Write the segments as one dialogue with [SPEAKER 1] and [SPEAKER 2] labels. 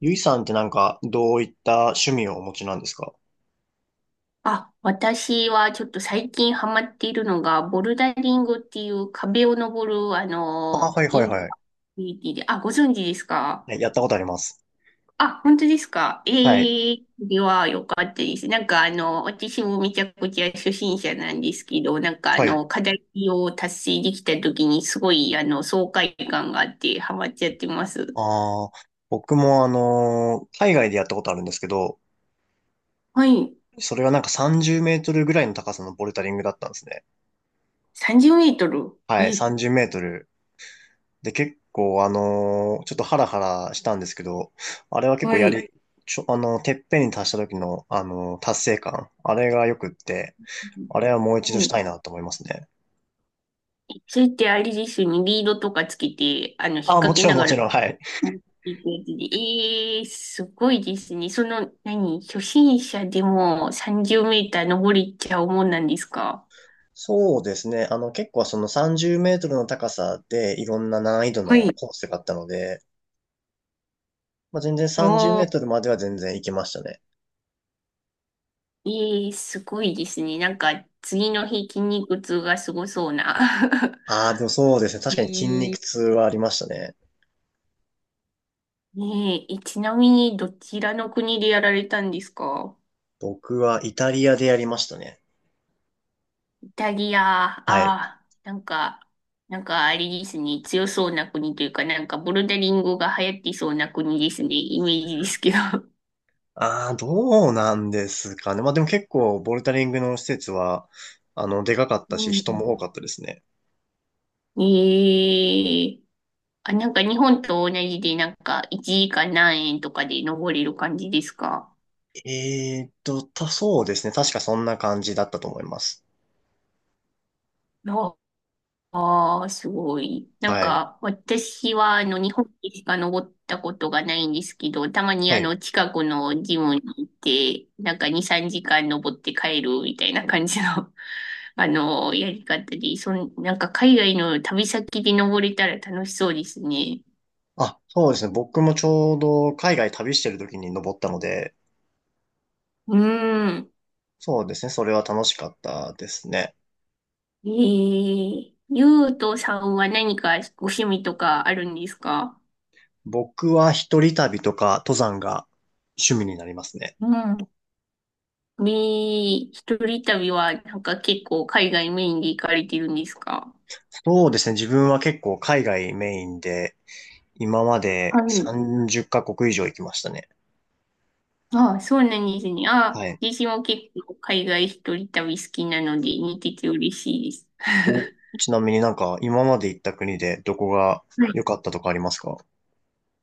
[SPEAKER 1] ゆいさんってどういった趣味をお持ちなんですか？
[SPEAKER 2] あ、私はちょっと最近ハマっているのが、ボルダリングっていう壁を登る、
[SPEAKER 1] あ、はい
[SPEAKER 2] イ
[SPEAKER 1] はい
[SPEAKER 2] ンド
[SPEAKER 1] はい。
[SPEAKER 2] アクティビティで、あ、ご存知ですか？
[SPEAKER 1] ね、やったことあります。
[SPEAKER 2] あ、本当ですか？
[SPEAKER 1] はい。
[SPEAKER 2] ええ、それは良かったです。私もめちゃくちゃ初心者なんですけど、
[SPEAKER 1] はい。
[SPEAKER 2] 課題を達成できた時にすごい、爽快感があってハマっちゃってます。
[SPEAKER 1] ああ、僕も海外でやったことあるんですけど、
[SPEAKER 2] はい。
[SPEAKER 1] それはなんか30メートルぐらいの高さのボルダリングだったんですね。
[SPEAKER 2] 30メートル。
[SPEAKER 1] はい、
[SPEAKER 2] え、
[SPEAKER 1] 30メートル。で、結構ちょっとハラハラしたんですけど、あれは結
[SPEAKER 2] は
[SPEAKER 1] 構や
[SPEAKER 2] い。
[SPEAKER 1] り、ちょ、てっぺんに達した時の、達成感。あれがよくって、あれはもう一
[SPEAKER 2] は
[SPEAKER 1] 度した
[SPEAKER 2] い、
[SPEAKER 1] いなと思いますね。
[SPEAKER 2] それってあれですよね、リードとかつけて、引っ
[SPEAKER 1] あ、も
[SPEAKER 2] 掛け
[SPEAKER 1] ちろ
[SPEAKER 2] な
[SPEAKER 1] んも
[SPEAKER 2] がら
[SPEAKER 1] ちろん、はい。
[SPEAKER 2] いくやつで。ええー、すごいですね。その、何、初心者でも30メーター登れちゃうもんなんですか？
[SPEAKER 1] そうですね。あの、結構その30メートルの高さでいろんな難易度
[SPEAKER 2] は
[SPEAKER 1] の
[SPEAKER 2] い。
[SPEAKER 1] コースがあったので、まあ、全然30メ
[SPEAKER 2] あ
[SPEAKER 1] ー
[SPEAKER 2] あ、
[SPEAKER 1] トルまでは全然行けましたね。
[SPEAKER 2] ええー、すごいですね。なんか、次の日筋肉痛がすごそうな。
[SPEAKER 1] ああ、でもそうですね。確かに筋
[SPEAKER 2] え
[SPEAKER 1] 肉
[SPEAKER 2] ー、
[SPEAKER 1] 痛はありましたね。
[SPEAKER 2] ねえ、え、ちなみに、どちらの国でやられたんですか？
[SPEAKER 1] 僕はイタリアでやりましたね。
[SPEAKER 2] イタリア、あ
[SPEAKER 1] はい。
[SPEAKER 2] あ、なんか、なんかあれですね、強そうな国というか、なんかボルダリングが流行ってそうな国ですね、イメージですけど。
[SPEAKER 1] ああ、どうなんですかね。まあでも結構ボルダリングの施設は、あの、でかかったし、
[SPEAKER 2] う
[SPEAKER 1] 人も
[SPEAKER 2] ん。
[SPEAKER 1] 多かったですね。
[SPEAKER 2] ええ、あ、なんか日本と同じで、なんか1時間何円とかで登れる感じですか？
[SPEAKER 1] そうですね。確かそんな感じだったと思います。
[SPEAKER 2] あ、ああ、すごい。なん
[SPEAKER 1] はい。
[SPEAKER 2] か、私は、日本でしか登ったことがないんですけど、たまに、
[SPEAKER 1] はい。
[SPEAKER 2] 近くのジムに行って、なんか2、3時間登って帰るみたいな感じの、やり方で、なんか、海外の旅先で登れたら楽しそうですね。
[SPEAKER 1] あ、そうですね。僕もちょうど海外旅してる時に登ったので、
[SPEAKER 2] うーん。
[SPEAKER 1] そうですね。それは楽しかったですね。
[SPEAKER 2] えー、ゆうとさんは何かご趣味とかあるんですか？
[SPEAKER 1] 僕は一人旅とか登山が趣味になりますね。
[SPEAKER 2] うん、み、一人旅はなんか結構海外メインで行かれてるんですか？
[SPEAKER 1] そうですね。自分は結構海外メインで、今まで
[SPEAKER 2] はい。
[SPEAKER 1] 30カ国以上行きましたね。
[SPEAKER 2] ああ、そうなんですね。あ
[SPEAKER 1] は
[SPEAKER 2] あ、
[SPEAKER 1] い。
[SPEAKER 2] 私も結構海外一人旅好きなので似てて嬉しいです。
[SPEAKER 1] お、ちなみになんか今まで行った国でどこが
[SPEAKER 2] はい。
[SPEAKER 1] 良かったとかありますか？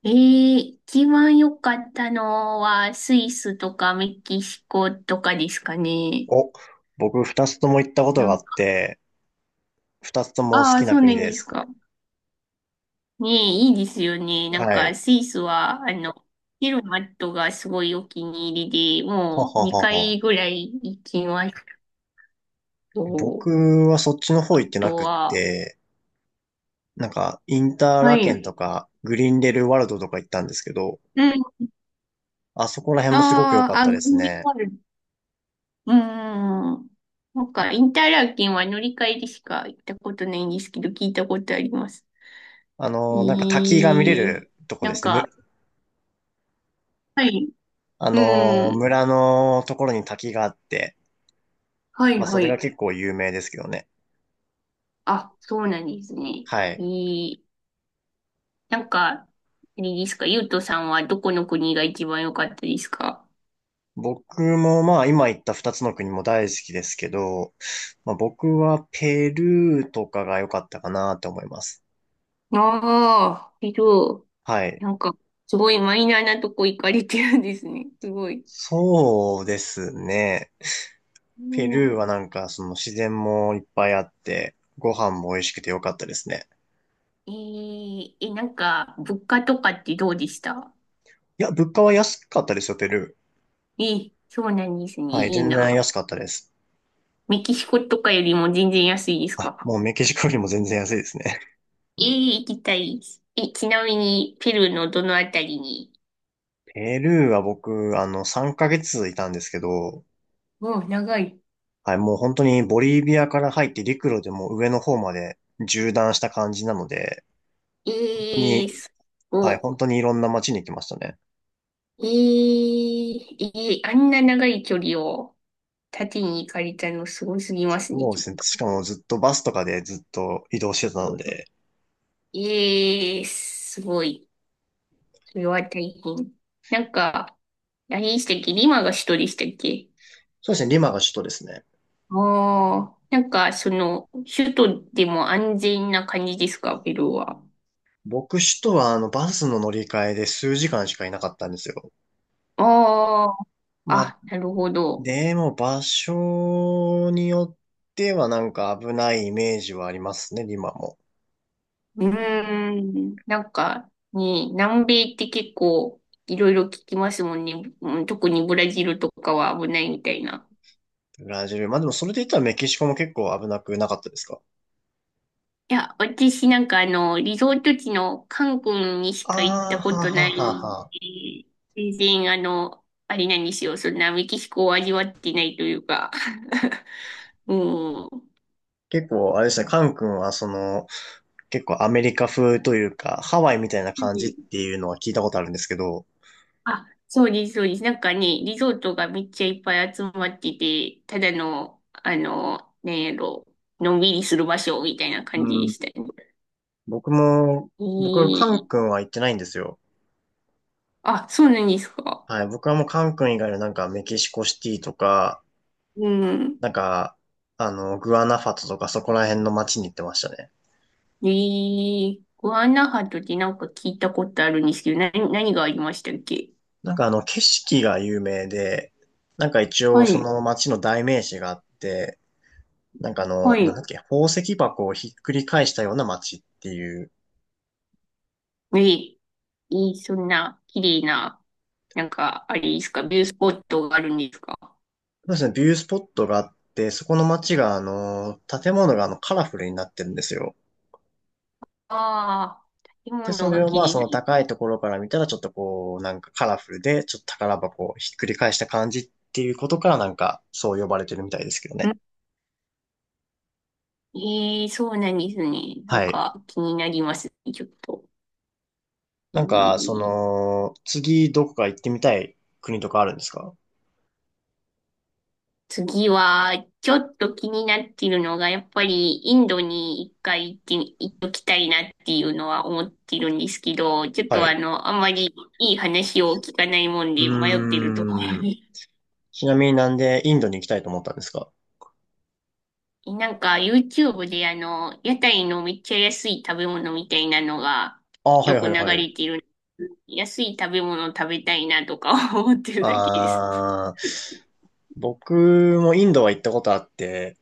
[SPEAKER 2] ええ、一番良かったのはスイスとかメキシコとかですかね。
[SPEAKER 1] お、僕二つとも行ったこと
[SPEAKER 2] な
[SPEAKER 1] があ
[SPEAKER 2] ん
[SPEAKER 1] っ
[SPEAKER 2] か、
[SPEAKER 1] て、二つとも好
[SPEAKER 2] ああ、
[SPEAKER 1] きな
[SPEAKER 2] そうな
[SPEAKER 1] 国
[SPEAKER 2] ん
[SPEAKER 1] で
[SPEAKER 2] です
[SPEAKER 1] す。
[SPEAKER 2] か。ねえ、いいですよね。なん
[SPEAKER 1] は
[SPEAKER 2] か、
[SPEAKER 1] い。
[SPEAKER 2] スイスは、ヘルマットがすごいお気に入りで、
[SPEAKER 1] ほは
[SPEAKER 2] もう
[SPEAKER 1] ほ
[SPEAKER 2] 2
[SPEAKER 1] は。
[SPEAKER 2] 回ぐらい行きましたと。
[SPEAKER 1] 僕はそっちの方
[SPEAKER 2] あ
[SPEAKER 1] 行ってな
[SPEAKER 2] と
[SPEAKER 1] くっ
[SPEAKER 2] は、
[SPEAKER 1] て、なんか、インター
[SPEAKER 2] は
[SPEAKER 1] ラケン
[SPEAKER 2] い。
[SPEAKER 1] とか、グリーンレルワールドとか行ったんですけど、
[SPEAKER 2] うん。
[SPEAKER 1] あそこら辺もすごく良
[SPEAKER 2] あ
[SPEAKER 1] か
[SPEAKER 2] あ、
[SPEAKER 1] った
[SPEAKER 2] あ、
[SPEAKER 1] です
[SPEAKER 2] グミ
[SPEAKER 1] ね。
[SPEAKER 2] ワール、うん。なんか、インターラーケンは乗り換えでしか行ったことないんですけど、聞いたことあります。
[SPEAKER 1] あ
[SPEAKER 2] え
[SPEAKER 1] の、なんか滝が見れ
[SPEAKER 2] ー、
[SPEAKER 1] るとこ
[SPEAKER 2] な
[SPEAKER 1] で
[SPEAKER 2] ん
[SPEAKER 1] すね。
[SPEAKER 2] か、はい。
[SPEAKER 1] あ
[SPEAKER 2] う
[SPEAKER 1] の、
[SPEAKER 2] ん。
[SPEAKER 1] 村のところに滝があって、
[SPEAKER 2] はい、
[SPEAKER 1] まあそ
[SPEAKER 2] は
[SPEAKER 1] れが
[SPEAKER 2] い。
[SPEAKER 1] 結構有名ですけどね。
[SPEAKER 2] あ、そうなんですね。
[SPEAKER 1] は
[SPEAKER 2] え
[SPEAKER 1] い。
[SPEAKER 2] ー、なんか、あれですか、ゆうとさんはどこの国が一番良かったですか？
[SPEAKER 1] 僕もまあ今言った二つの国も大好きですけど、まあ僕はペルーとかが良かったかなと思います。
[SPEAKER 2] ああー、けど、
[SPEAKER 1] はい。
[SPEAKER 2] なんか、すごいマイナーなとこ行かれてるんですね。すごい。
[SPEAKER 1] そうですね。ペ
[SPEAKER 2] お
[SPEAKER 1] ル
[SPEAKER 2] う、
[SPEAKER 1] ーはなんか、その自然もいっぱいあって、ご飯も美味しくてよかったですね。
[SPEAKER 2] えー、え、なんか、物価とかってどうでした？
[SPEAKER 1] いや、物価は安かったですよ、ペル
[SPEAKER 2] えー、そうなんですね。
[SPEAKER 1] ー。はい、
[SPEAKER 2] いい
[SPEAKER 1] 全然
[SPEAKER 2] な。
[SPEAKER 1] 安かったです。
[SPEAKER 2] メキシコとかよりも全然安いです
[SPEAKER 1] あ、
[SPEAKER 2] か？
[SPEAKER 1] もうメキシコよりも全然安いですね。
[SPEAKER 2] えー、行きたいです。え、ちなみに、ペルーのどのあたりに？
[SPEAKER 1] ペルーは僕、あの、3ヶ月いたんですけど、
[SPEAKER 2] おう、長い。
[SPEAKER 1] はい、もう本当にボリビアから入って陸路でもう上の方まで縦断した感じなので、本当
[SPEAKER 2] え
[SPEAKER 1] に、
[SPEAKER 2] ー、す
[SPEAKER 1] はい、
[SPEAKER 2] ご
[SPEAKER 1] 本
[SPEAKER 2] い。
[SPEAKER 1] 当にいろんな街に行きましたね。
[SPEAKER 2] いい、いい、あんな長い距離を縦に行かれたのすごすぎますね、
[SPEAKER 1] もう
[SPEAKER 2] ち
[SPEAKER 1] で
[SPEAKER 2] ょっ
[SPEAKER 1] すね、
[SPEAKER 2] と。
[SPEAKER 1] しかもずっとバスとかでずっと移動してたので、
[SPEAKER 2] ええ、すごい。それは大変。なんか、何でしたっけ、リマが首都でしたっけ？
[SPEAKER 1] そうですね、リマが首都ですね。
[SPEAKER 2] ああ、なんか、その、首都でも安全な感じですか、ペルーは。
[SPEAKER 1] 僕首都はあのバスの乗り換えで数時間しかいなかったんですよ。
[SPEAKER 2] ああ、
[SPEAKER 1] まあ、
[SPEAKER 2] あ、なるほど。
[SPEAKER 1] でも場所によってはなんか危ないイメージはありますね、今も。
[SPEAKER 2] うーん。なんか、ね、南米って結構いろいろ聞きますもんね。うん、特にブラジルとかは危ないみたいな。
[SPEAKER 1] ブラジル。まあでもそれで言ったらメキシコも結構危なくなかったですか？
[SPEAKER 2] いや、私なんかあの、リゾート地のカン君にし
[SPEAKER 1] あ
[SPEAKER 2] か行っ
[SPEAKER 1] あ、
[SPEAKER 2] たこ
[SPEAKER 1] は
[SPEAKER 2] と
[SPEAKER 1] は
[SPEAKER 2] な
[SPEAKER 1] は
[SPEAKER 2] いん
[SPEAKER 1] は。
[SPEAKER 2] で、全然あの、あれなんですよ。そんなメキシコを味わってないというか。うん。
[SPEAKER 1] 結構、あれですね、カン君はその、結構アメリカ風というか、ハワイみたいな感じっていうのは聞いたことあるんですけど、
[SPEAKER 2] あ、そうです、そうです。なんかね、リゾートがめっちゃいっぱい集まってて、ただの、なんやろ、のんびりする場所みたいな
[SPEAKER 1] う
[SPEAKER 2] 感じで
[SPEAKER 1] ん、
[SPEAKER 2] したね。
[SPEAKER 1] 僕も、
[SPEAKER 2] え
[SPEAKER 1] 僕、カン
[SPEAKER 2] ー、
[SPEAKER 1] 君は行ってないんですよ。
[SPEAKER 2] あ、そうなんですか。
[SPEAKER 1] はい、僕はもうカン君以外のなんかメキシコシティとか、
[SPEAKER 2] うん。
[SPEAKER 1] なんか、あの、グアナファトとかそこら辺の街に行ってましたね。
[SPEAKER 2] えー、グアナハトってなんか聞いたことあるんですけど、な、何がありましたっけ？
[SPEAKER 1] なんかあの、景色が有名で、なんか一応
[SPEAKER 2] は
[SPEAKER 1] そ
[SPEAKER 2] い、
[SPEAKER 1] の街の代名詞があって、なんかあ
[SPEAKER 2] は
[SPEAKER 1] の、なん
[SPEAKER 2] い。
[SPEAKER 1] だっけ、宝石箱をひっくり返したような街っていう、
[SPEAKER 2] えー、えー、そんな綺麗な、なんか、あれですか、ビュースポットがあるんですか？
[SPEAKER 1] そうですね、ビュースポットがあって、そこの街があの、建物があの、カラフルになってるんですよ。
[SPEAKER 2] ああー、建
[SPEAKER 1] で、そ
[SPEAKER 2] 物
[SPEAKER 1] れ
[SPEAKER 2] が
[SPEAKER 1] を
[SPEAKER 2] 綺
[SPEAKER 1] まあそ
[SPEAKER 2] 麗。
[SPEAKER 1] の高いところから見たらちょっとこう、なんかカラフルで、ちょっと宝箱をひっくり返した感じっていうことからなんかそう呼ばれてるみたいですけどね。
[SPEAKER 2] ええ、そうなんですね。なん
[SPEAKER 1] はい。
[SPEAKER 2] か気になりますね、ちょっと。え
[SPEAKER 1] なんか、そ
[SPEAKER 2] ー、
[SPEAKER 1] の、次どこか行ってみたい国とかあるんですか？
[SPEAKER 2] 次は、ちょっと気になってるのが、やっぱりインドに一回行って、行っときたいなっていうのは思ってるんですけど、ちょっ
[SPEAKER 1] は
[SPEAKER 2] とあ
[SPEAKER 1] い。
[SPEAKER 2] の、あんまりいい話を聞かないもん
[SPEAKER 1] う
[SPEAKER 2] で迷ってるところ
[SPEAKER 1] ーん。
[SPEAKER 2] に。
[SPEAKER 1] ちなみになんでインドに行きたいと思ったんですか？
[SPEAKER 2] なんか YouTube で屋台のめっちゃ安い食べ物みたいなのが
[SPEAKER 1] ああー、はい
[SPEAKER 2] よ
[SPEAKER 1] は
[SPEAKER 2] く流
[SPEAKER 1] いはい。
[SPEAKER 2] れてる。安い食べ物食べたいなとか思ってるだけです。
[SPEAKER 1] ああ、僕もインドは行ったことあって、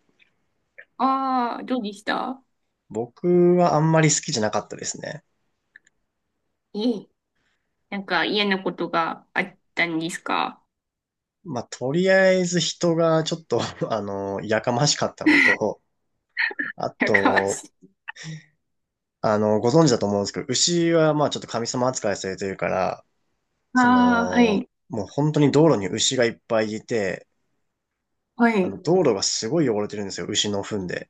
[SPEAKER 2] ああ、どうでした？
[SPEAKER 1] 僕はあんまり好きじゃなかったですね。
[SPEAKER 2] ええ、なんか嫌なことがあったんですか？
[SPEAKER 1] まあ、とりあえず人がちょっと あの、やかましかったこと を、あ
[SPEAKER 2] やかま
[SPEAKER 1] と、
[SPEAKER 2] しい。
[SPEAKER 1] あの、ご存知だと思うんですけど、牛はまあちょっと神様扱いされてるから、そ
[SPEAKER 2] ああ、は
[SPEAKER 1] の、
[SPEAKER 2] い、
[SPEAKER 1] もう本当に道路に牛がいっぱいいて、
[SPEAKER 2] は
[SPEAKER 1] あの、
[SPEAKER 2] い。
[SPEAKER 1] 道路がすごい汚れてるんですよ、牛の糞で。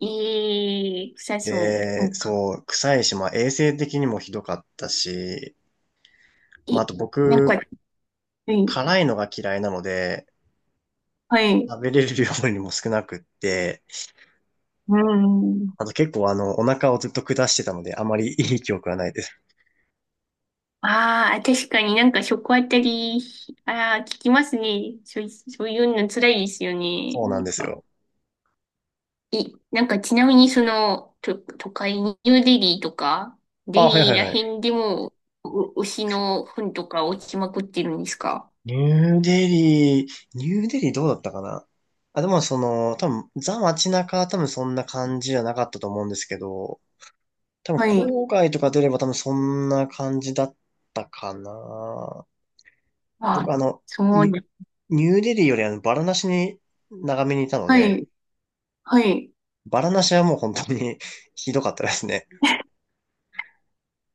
[SPEAKER 2] ええ、臭そう。な
[SPEAKER 1] で、
[SPEAKER 2] んか、
[SPEAKER 1] そう、臭いし、まあ衛生的にもひどかったし、
[SPEAKER 2] え、
[SPEAKER 1] まああと
[SPEAKER 2] なん
[SPEAKER 1] 僕、
[SPEAKER 2] か、はい、
[SPEAKER 1] 辛いのが嫌いなので、
[SPEAKER 2] はい。
[SPEAKER 1] 食べれる量にも少なくって、
[SPEAKER 2] うん。
[SPEAKER 1] あと結構あの、お腹をずっと下してたので、あまりいい記憶はないです。
[SPEAKER 2] ああ、確かになんか食あたり、ああ、聞きますね。そうい、そういうの辛いですよね。
[SPEAKER 1] そうな
[SPEAKER 2] な
[SPEAKER 1] ん
[SPEAKER 2] ん
[SPEAKER 1] です
[SPEAKER 2] か、
[SPEAKER 1] よ。
[SPEAKER 2] い、なんかちなみにその、と、都会にニューデリーとか、デ
[SPEAKER 1] あ、はい
[SPEAKER 2] リ
[SPEAKER 1] は
[SPEAKER 2] ー
[SPEAKER 1] い
[SPEAKER 2] ら
[SPEAKER 1] はい。
[SPEAKER 2] 辺でも、う、牛の糞とか落ちまくってるんですか？
[SPEAKER 1] ニューデリー、ニューデリーどうだったかな。あ、でもその、多分、ザ街中は多分そんな感じじゃなかったと思うんですけど、多分
[SPEAKER 2] はい。
[SPEAKER 1] 郊外とか出れば多分そんな感じだったかな。僕
[SPEAKER 2] あ、
[SPEAKER 1] あの、
[SPEAKER 2] そう
[SPEAKER 1] ニ
[SPEAKER 2] ね。
[SPEAKER 1] ニューデリーよりあの、バラナシに長めにいたの
[SPEAKER 2] は
[SPEAKER 1] で、
[SPEAKER 2] い。はい。
[SPEAKER 1] バラナシはもう本当に ひどかったですね。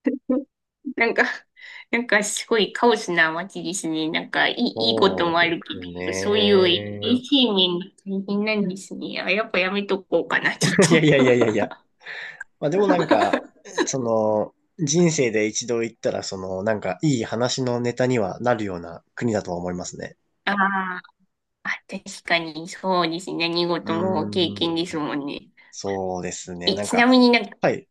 [SPEAKER 2] なんか、なんかすごいカオスな街ですね。なんかいい、いいこと
[SPEAKER 1] そう
[SPEAKER 2] もあ
[SPEAKER 1] で
[SPEAKER 2] るけ
[SPEAKER 1] す
[SPEAKER 2] ど、そういう衛
[SPEAKER 1] ね。
[SPEAKER 2] 生面が大変なんですね。あ、やっぱやめとこうかな、ちょっと。
[SPEAKER 1] いやいやいやいやいや。まあでもなんか、その、人生で一度行ったら、その、なんか、いい話のネタにはなるような国だとは思いますね。
[SPEAKER 2] あー、あ、確かにそうですね。何
[SPEAKER 1] うー
[SPEAKER 2] 事も経
[SPEAKER 1] ん、
[SPEAKER 2] 験ですもんね。
[SPEAKER 1] そうですね。
[SPEAKER 2] え、
[SPEAKER 1] なん
[SPEAKER 2] ちな
[SPEAKER 1] か、
[SPEAKER 2] みになんか、
[SPEAKER 1] はい。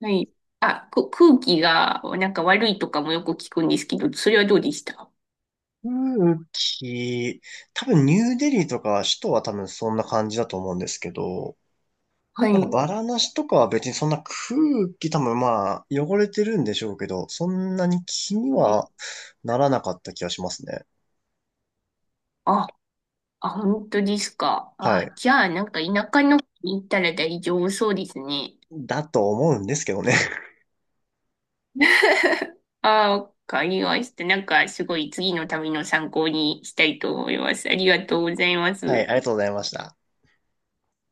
[SPEAKER 2] はい。あ、く、空気がなんか悪いとかもよく聞くんですけど、それはどうでした？
[SPEAKER 1] 空気、多分ニューデリーとか首都は多分そんな感じだと思うんですけど、
[SPEAKER 2] は
[SPEAKER 1] なんか
[SPEAKER 2] い。
[SPEAKER 1] バラナシとかは別にそんな空気多分まあ汚れてるんでしょうけど、そんなに気に
[SPEAKER 2] ね、
[SPEAKER 1] はならなかった気がしますね。
[SPEAKER 2] あ、あ、本当ですか。
[SPEAKER 1] はい。
[SPEAKER 2] あ、じゃあ、なんか田舎の方に行ったら大丈夫そうですね。
[SPEAKER 1] だと思うんですけどね。
[SPEAKER 2] あ、わかりました。なんかすごい次の旅の参考にしたいと思います。ありがとうございま
[SPEAKER 1] はい、
[SPEAKER 2] す。
[SPEAKER 1] ありがとうございました。